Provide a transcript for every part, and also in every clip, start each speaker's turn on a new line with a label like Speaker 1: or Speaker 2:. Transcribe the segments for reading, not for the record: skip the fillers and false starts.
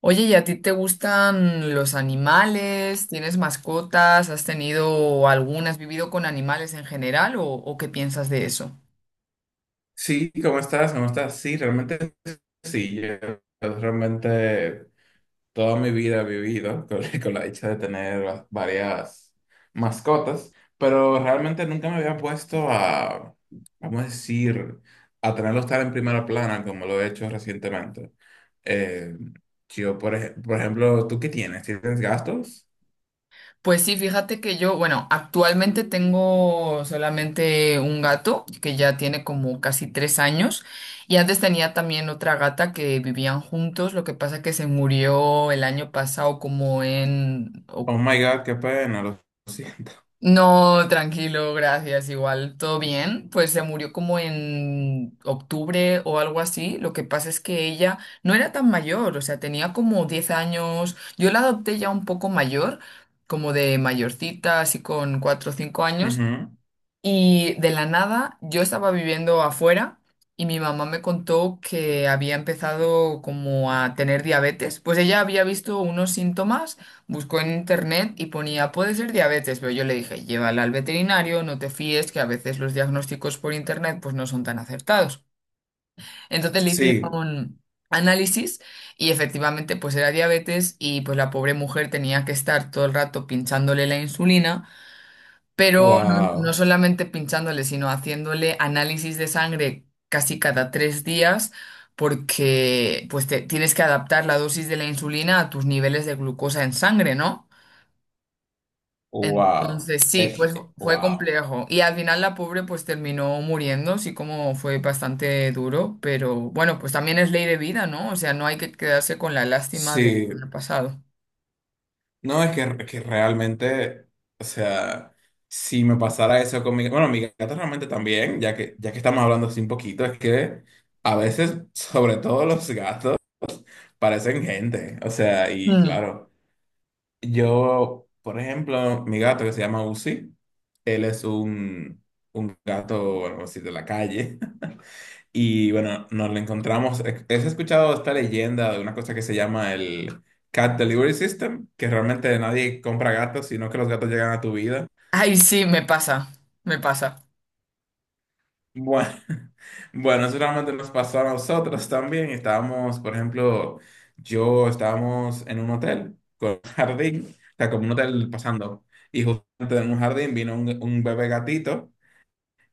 Speaker 1: Oye, ¿y a ti te gustan los animales? ¿Tienes mascotas? ¿Has tenido alguna? ¿Has vivido con animales en general? ¿O qué piensas de eso?
Speaker 2: Sí, ¿cómo estás? ¿Cómo estás? Sí, realmente sí. Yo realmente toda mi vida he vivido con, con la dicha de tener varias mascotas, pero realmente nunca me había puesto a, vamos a decir, a tenerlos tan en primera plana como lo he hecho recientemente. Eh, yo, por ejemplo, ¿tú qué tienes? ¿Tienes gastos?
Speaker 1: Pues sí, fíjate que yo, bueno, actualmente tengo solamente un gato que ya tiene como casi 3 años y antes tenía también otra gata que vivían juntos, lo que pasa que se murió el año pasado como en
Speaker 2: Oh my God, qué pena, lo siento.
Speaker 1: No, tranquilo, gracias. Igual, todo bien. Pues se murió como en octubre o algo así. Lo que pasa es que ella no era tan mayor, o sea, tenía como 10 años. Yo la adopté ya un poco mayor, como de mayorcita, así con cuatro o cinco años.
Speaker 2: Ujú.
Speaker 1: Y de la nada, yo estaba viviendo afuera y mi mamá me contó que había empezado como a tener diabetes. Pues ella había visto unos síntomas, buscó en internet y ponía, puede ser diabetes, pero yo le dije, llévala al veterinario, no te fíes, que a veces los diagnósticos por internet pues no son tan acertados. Entonces le
Speaker 2: Sí,
Speaker 1: hicieron análisis y efectivamente pues era diabetes y pues la pobre mujer tenía que estar todo el rato pinchándole la insulina pero no, no
Speaker 2: wow,
Speaker 1: solamente pinchándole, sino haciéndole análisis de sangre casi cada 3 días, porque pues tienes que adaptar la dosis de la insulina a tus niveles de glucosa en sangre, ¿no?
Speaker 2: wow,
Speaker 1: Entonces sí,
Speaker 2: es,
Speaker 1: pues fue
Speaker 2: wow.
Speaker 1: complejo. Y al final la pobre pues terminó muriendo, sí como fue bastante duro, pero bueno, pues también es ley de vida, ¿no? O sea, no hay que quedarse con la lástima de que
Speaker 2: Sí,
Speaker 1: ha pasado.
Speaker 2: no, es que realmente, o sea, si me pasara eso con mi bueno, mi gata realmente también, ya que estamos hablando así un poquito, es que a veces, sobre todo los gatos, parecen gente, o sea, y
Speaker 1: Mm.
Speaker 2: claro, yo, por ejemplo, mi gato que se llama Uzi, él es un gato, bueno, así de la calle. Y bueno, nos lo encontramos. ¿Has escuchado esta leyenda de una cosa que se llama el Cat Delivery System? Que realmente nadie compra gatos, sino que los gatos llegan a tu vida.
Speaker 1: Ay, sí, me pasa,
Speaker 2: Bueno, bueno, eso realmente nos pasó a nosotros también. Estábamos, por ejemplo, yo estábamos en un hotel con un jardín, o sea, como un hotel pasando. Y justamente en un jardín vino un bebé gatito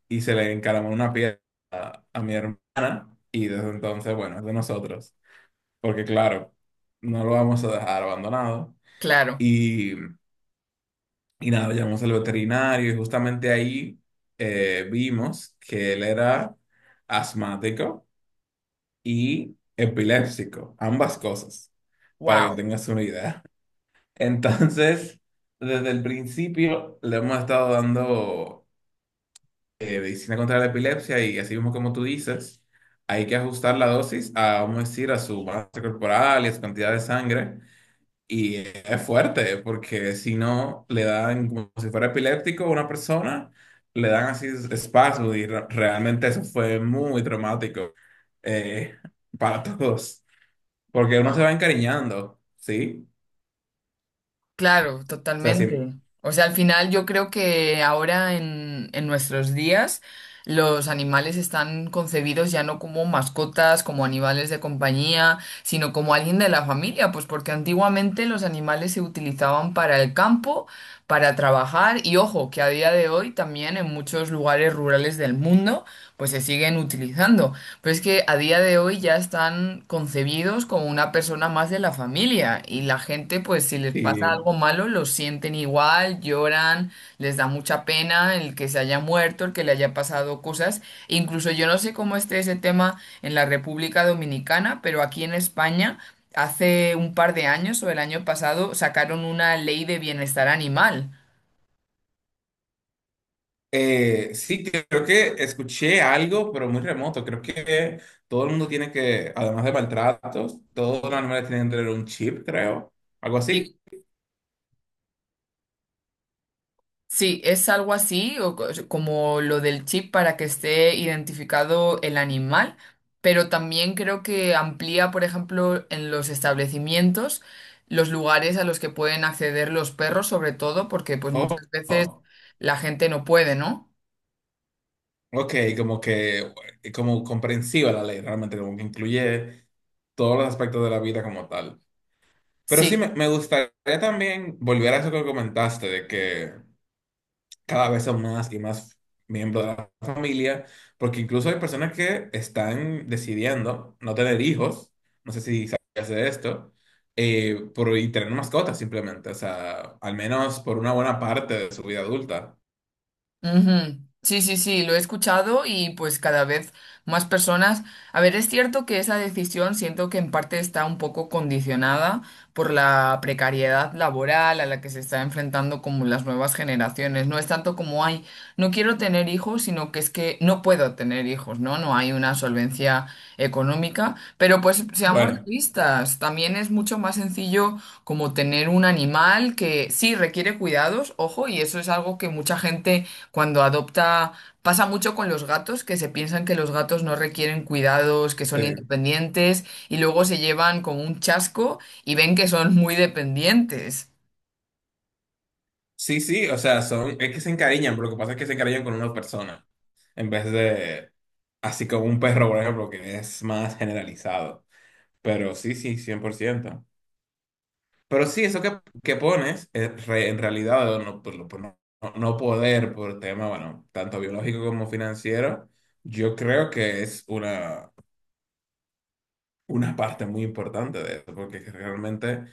Speaker 2: y se le encaramó una piedra a mi hermana. Y desde entonces, bueno, es de nosotros, porque claro, no lo vamos a dejar abandonado.
Speaker 1: claro.
Speaker 2: Y, y nada, llamamos al veterinario y justamente ahí vimos que él era asmático y epiléptico, ambas cosas, para que
Speaker 1: Wow.
Speaker 2: tengas una idea. Entonces, desde el principio le hemos estado dando medicina contra la epilepsia y así mismo como tú dices, hay que ajustar la dosis a, vamos a decir, a su masa corporal y a su cantidad de sangre. Y es fuerte, porque si no, le dan como si fuera epiléptico a una persona, le dan así espasmos y realmente eso fue muy traumático, eh, para todos, porque uno se va encariñando, ¿sí?
Speaker 1: Claro,
Speaker 2: O sea, sí,
Speaker 1: totalmente. O sea, al final yo creo que ahora en nuestros días los animales están concebidos ya no como mascotas, como animales de compañía, sino como alguien de la familia, pues porque antiguamente los animales se utilizaban para el campo, para trabajar y ojo, que a día de hoy también en muchos lugares rurales del mundo pues se siguen utilizando. Pero es que a día de hoy ya están concebidos como una persona más de la familia y la gente, pues si les pasa
Speaker 2: sí.
Speaker 1: algo malo, lo sienten igual, lloran, les da mucha pena el que se haya muerto, el que le haya pasado cosas. Incluso yo no sé cómo esté ese tema en la República Dominicana, pero aquí en España... Hace un par de años o el año pasado sacaron una ley de bienestar animal.
Speaker 2: Sí, creo que escuché algo, pero muy remoto. Creo que todo el mundo tiene que, además de maltratos, todos los animales tienen que tener un chip, creo, algo así.
Speaker 1: Sí, sí, es algo así, o como lo del chip para que esté identificado el animal, pero también creo que amplía, por ejemplo, en los establecimientos, los lugares a los que pueden acceder los perros, sobre todo, porque pues muchas veces
Speaker 2: Oh.
Speaker 1: la gente no puede, ¿no?
Speaker 2: Ok, como que, como comprensiva la ley, realmente, como que incluye todos los aspectos de la vida como tal. Pero sí,
Speaker 1: Sí.
Speaker 2: me gustaría también volver a eso que comentaste, de que cada vez son más y más miembros de la familia, porque incluso hay personas que están decidiendo no tener hijos, no sé si sabías de esto, y tener mascotas simplemente, o sea, al menos por una buena parte de su vida adulta.
Speaker 1: Ujú. Sí, sí, sí, lo he escuchado y pues cada vez más personas. A ver, es cierto que esa decisión siento que en parte está un poco condicionada por la precariedad laboral a la que se está enfrentando como las nuevas generaciones. No es tanto como, ay, no quiero tener hijos, sino que es que no puedo tener hijos, ¿no? No hay una solvencia económica. Pero pues seamos
Speaker 2: Bueno,
Speaker 1: realistas, también es mucho más sencillo como tener un animal que sí requiere cuidados, ojo, y eso es algo que mucha gente cuando adopta, pasa mucho con los gatos, que se piensan que los gatos no requieren cuidados, que son
Speaker 2: sí.
Speaker 1: independientes, y luego se llevan como un chasco y ven que son muy dependientes.
Speaker 2: Sí, sí, o sea, son, es que se encariñan, pero lo que pasa es que se encariñan con una persona, en vez de, así como un perro, por ejemplo, que es más generalizado. Pero sí, sí, 100%. Pero sí, eso que pones, en realidad, no, por, por no, no poder, por tema, bueno, tanto biológico como financiero, yo creo que es una parte muy importante de eso, porque realmente...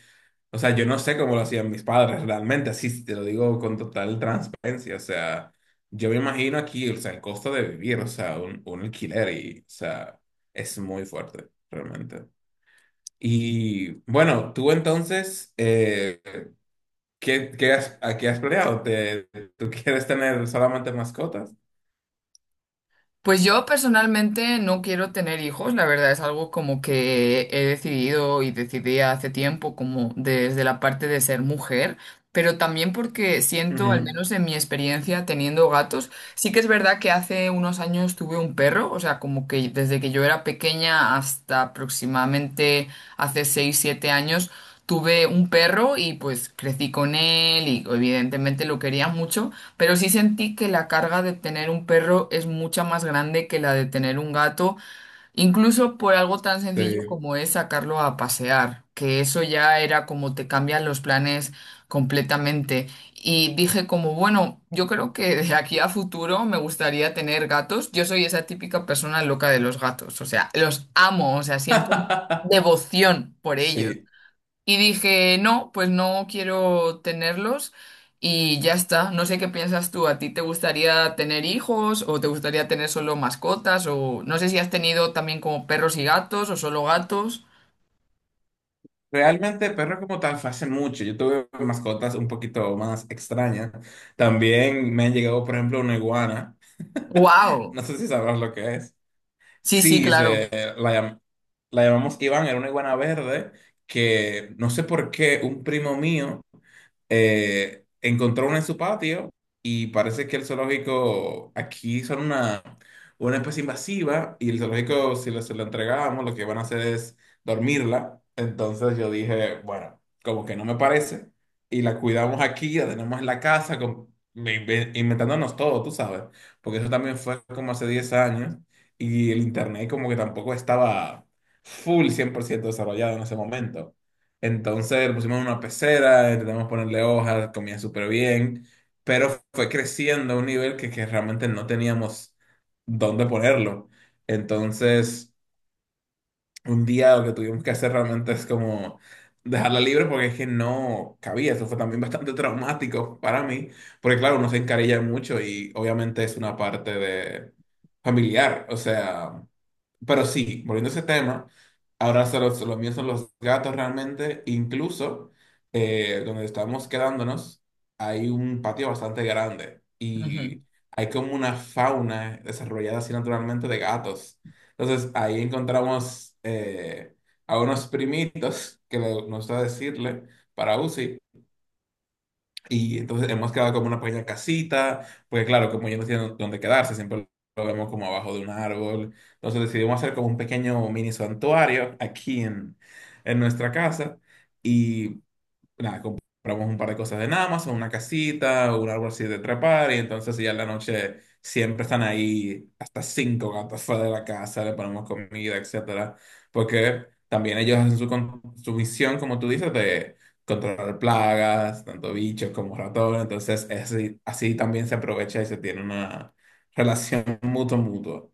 Speaker 2: O sea, yo no sé cómo lo hacían mis padres realmente, así te lo digo con total transparencia. O sea, yo me imagino aquí, o sea, el costo de vivir, o sea, un alquiler y, o sea, es muy fuerte, realmente. Y bueno, tú entonces, ¿qué, qué has, a qué has planeado? ¿Te, tú quieres tener solamente mascotas?
Speaker 1: Pues yo personalmente no quiero tener hijos, la verdad es algo como que he decidido y decidí hace tiempo, como desde la parte de ser mujer. Pero también porque siento, al
Speaker 2: Ujú,
Speaker 1: menos en mi experiencia teniendo gatos, sí que es verdad que hace unos años tuve un perro, o sea, como que desde que yo era pequeña hasta aproximadamente hace 6 7 años, tuve un perro y pues crecí con él y evidentemente lo quería mucho, pero sí sentí que la carga de tener un perro es mucha más grande que la de tener un gato. Incluso por algo tan sencillo
Speaker 2: sí.
Speaker 1: como es sacarlo a pasear, que eso ya era como te cambian los planes completamente. Y dije como, bueno, yo creo que de aquí a futuro me gustaría tener gatos. Yo soy esa típica persona loca de los gatos, o sea, los amo, o sea, siento devoción por ellos.
Speaker 2: Sí.
Speaker 1: Y dije, no, pues no quiero tenerlos y ya está. No sé qué piensas tú. ¿A ti te gustaría tener hijos o te gustaría tener solo mascotas? O no sé si has tenido también como perros y gatos o solo gatos.
Speaker 2: Realmente perro como tal fue hace mucho. Yo tuve mascotas un poquito más extrañas. También me han llegado, por ejemplo, una iguana.
Speaker 1: ¡Wow!
Speaker 2: No sé si sabrás lo que es.
Speaker 1: Sí, sí,
Speaker 2: Sí,
Speaker 1: claro.
Speaker 2: se, la, la llamamos Iván, era una iguana verde que no sé por qué un primo mío encontró una en su patio y parece que el zoológico aquí son una especie invasiva y el zoológico si se lo entregamos lo que van a hacer es dormirla. Entonces yo dije, bueno, como que no me parece y la cuidamos aquí, la tenemos en la casa inventándonos todo, tú sabes, porque eso también fue como hace 10 años y el internet como que tampoco estaba full 100% desarrollado en ese momento. Entonces lo pusimos en una pecera, intentamos ponerle hojas, comía súper bien, pero fue creciendo a un nivel que realmente no teníamos dónde ponerlo. Entonces un día lo que tuvimos que hacer realmente es como dejarla libre porque es que no cabía. Eso fue también bastante traumático para mí, porque claro, uno se encarilla mucho y obviamente es una parte de familiar, o sea, pero sí, volviendo a ese tema, ahora solo, los míos son los gatos realmente, incluso donde estamos quedándonos hay un patio bastante grande
Speaker 1: Ujú.
Speaker 2: y hay como una fauna desarrollada así naturalmente de gatos. Entonces ahí encontramos a unos primitos que le gusta decirle para UCI. Y entonces hemos quedado como una pequeña casita, porque claro, como ellos no tienen dónde quedarse, siempre lo vemos como abajo de un árbol. Entonces decidimos hacer como un pequeño mini santuario aquí en nuestra casa. Y nada, compramos un par de cosas en Amazon, una casita, un árbol así de trepar, y entonces ya en la noche siempre están ahí hasta 5 gatos fuera de la casa, le ponemos comida, etcétera, porque también ellos hacen su, su misión, como tú dices, de controlar plagas, tanto bichos como ratones, entonces es así, así también se aprovecha y se tiene una relación mutuo-mutuo.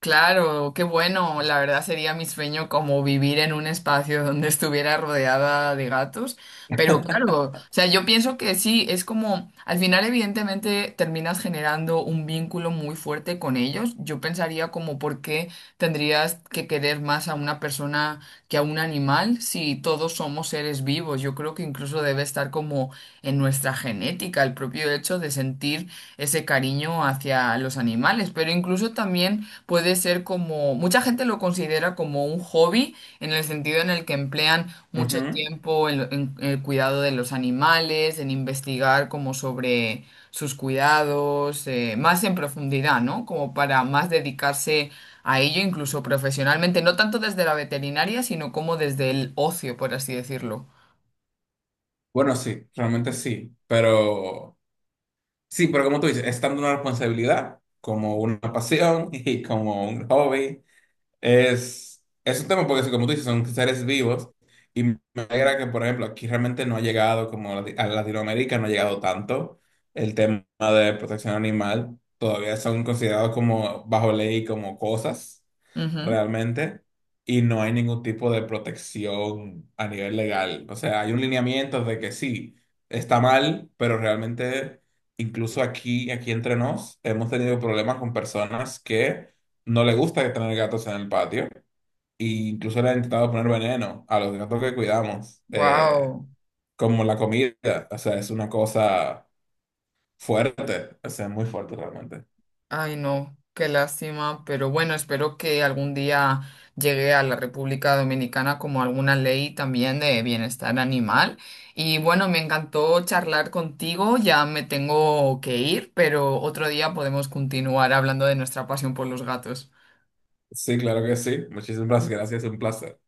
Speaker 1: Claro, qué bueno. La verdad sería mi sueño como vivir en un espacio donde estuviera rodeada de gatos. Pero claro, o sea, yo pienso que sí, es como, al final evidentemente terminas generando un vínculo muy fuerte con ellos. Yo pensaría como por qué tendrías que querer más a una persona que a un animal si todos somos seres vivos. Yo creo que incluso debe estar como en nuestra genética, el propio hecho de sentir ese cariño hacia los animales, pero incluso también puede ser como, mucha gente lo considera como un hobby, en el sentido en el que emplean mucho
Speaker 2: Ujú.
Speaker 1: tiempo en, el cuidado de los animales, en investigar como sobre sus cuidados, más en profundidad, ¿no? Como para más dedicarse a ello, incluso profesionalmente, no tanto desde la veterinaria, sino como desde el ocio, por así decirlo.
Speaker 2: Bueno, sí, realmente sí, pero... Sí, pero como tú dices, es tanto una responsabilidad como una pasión y como un hobby. Es un tema porque, sí, como tú dices, son seres vivos y me alegra que, por ejemplo, aquí realmente no ha llegado, como a Latinoamérica, no ha llegado tanto el tema de protección animal. Todavía son considerados como bajo ley, como cosas realmente, y no hay ningún tipo de protección a nivel legal. O sea, hay un lineamiento de que sí, está mal, pero realmente, incluso aquí, aquí entre nos, hemos tenido problemas con personas que no le gusta tener gatos en el patio. E incluso le han intentado poner veneno a los gatos que cuidamos,
Speaker 1: Wow.
Speaker 2: como la comida. O sea, es una cosa fuerte. O sea, es muy fuerte realmente.
Speaker 1: Ay, no, qué lástima, pero bueno, espero que algún día llegue a la República Dominicana como alguna ley también de bienestar animal. Y bueno, me encantó charlar contigo, ya me tengo que ir, pero otro día podemos continuar hablando de nuestra pasión por los gatos.
Speaker 2: Sí, claro que sí. Muchísimas gracias. Un placer.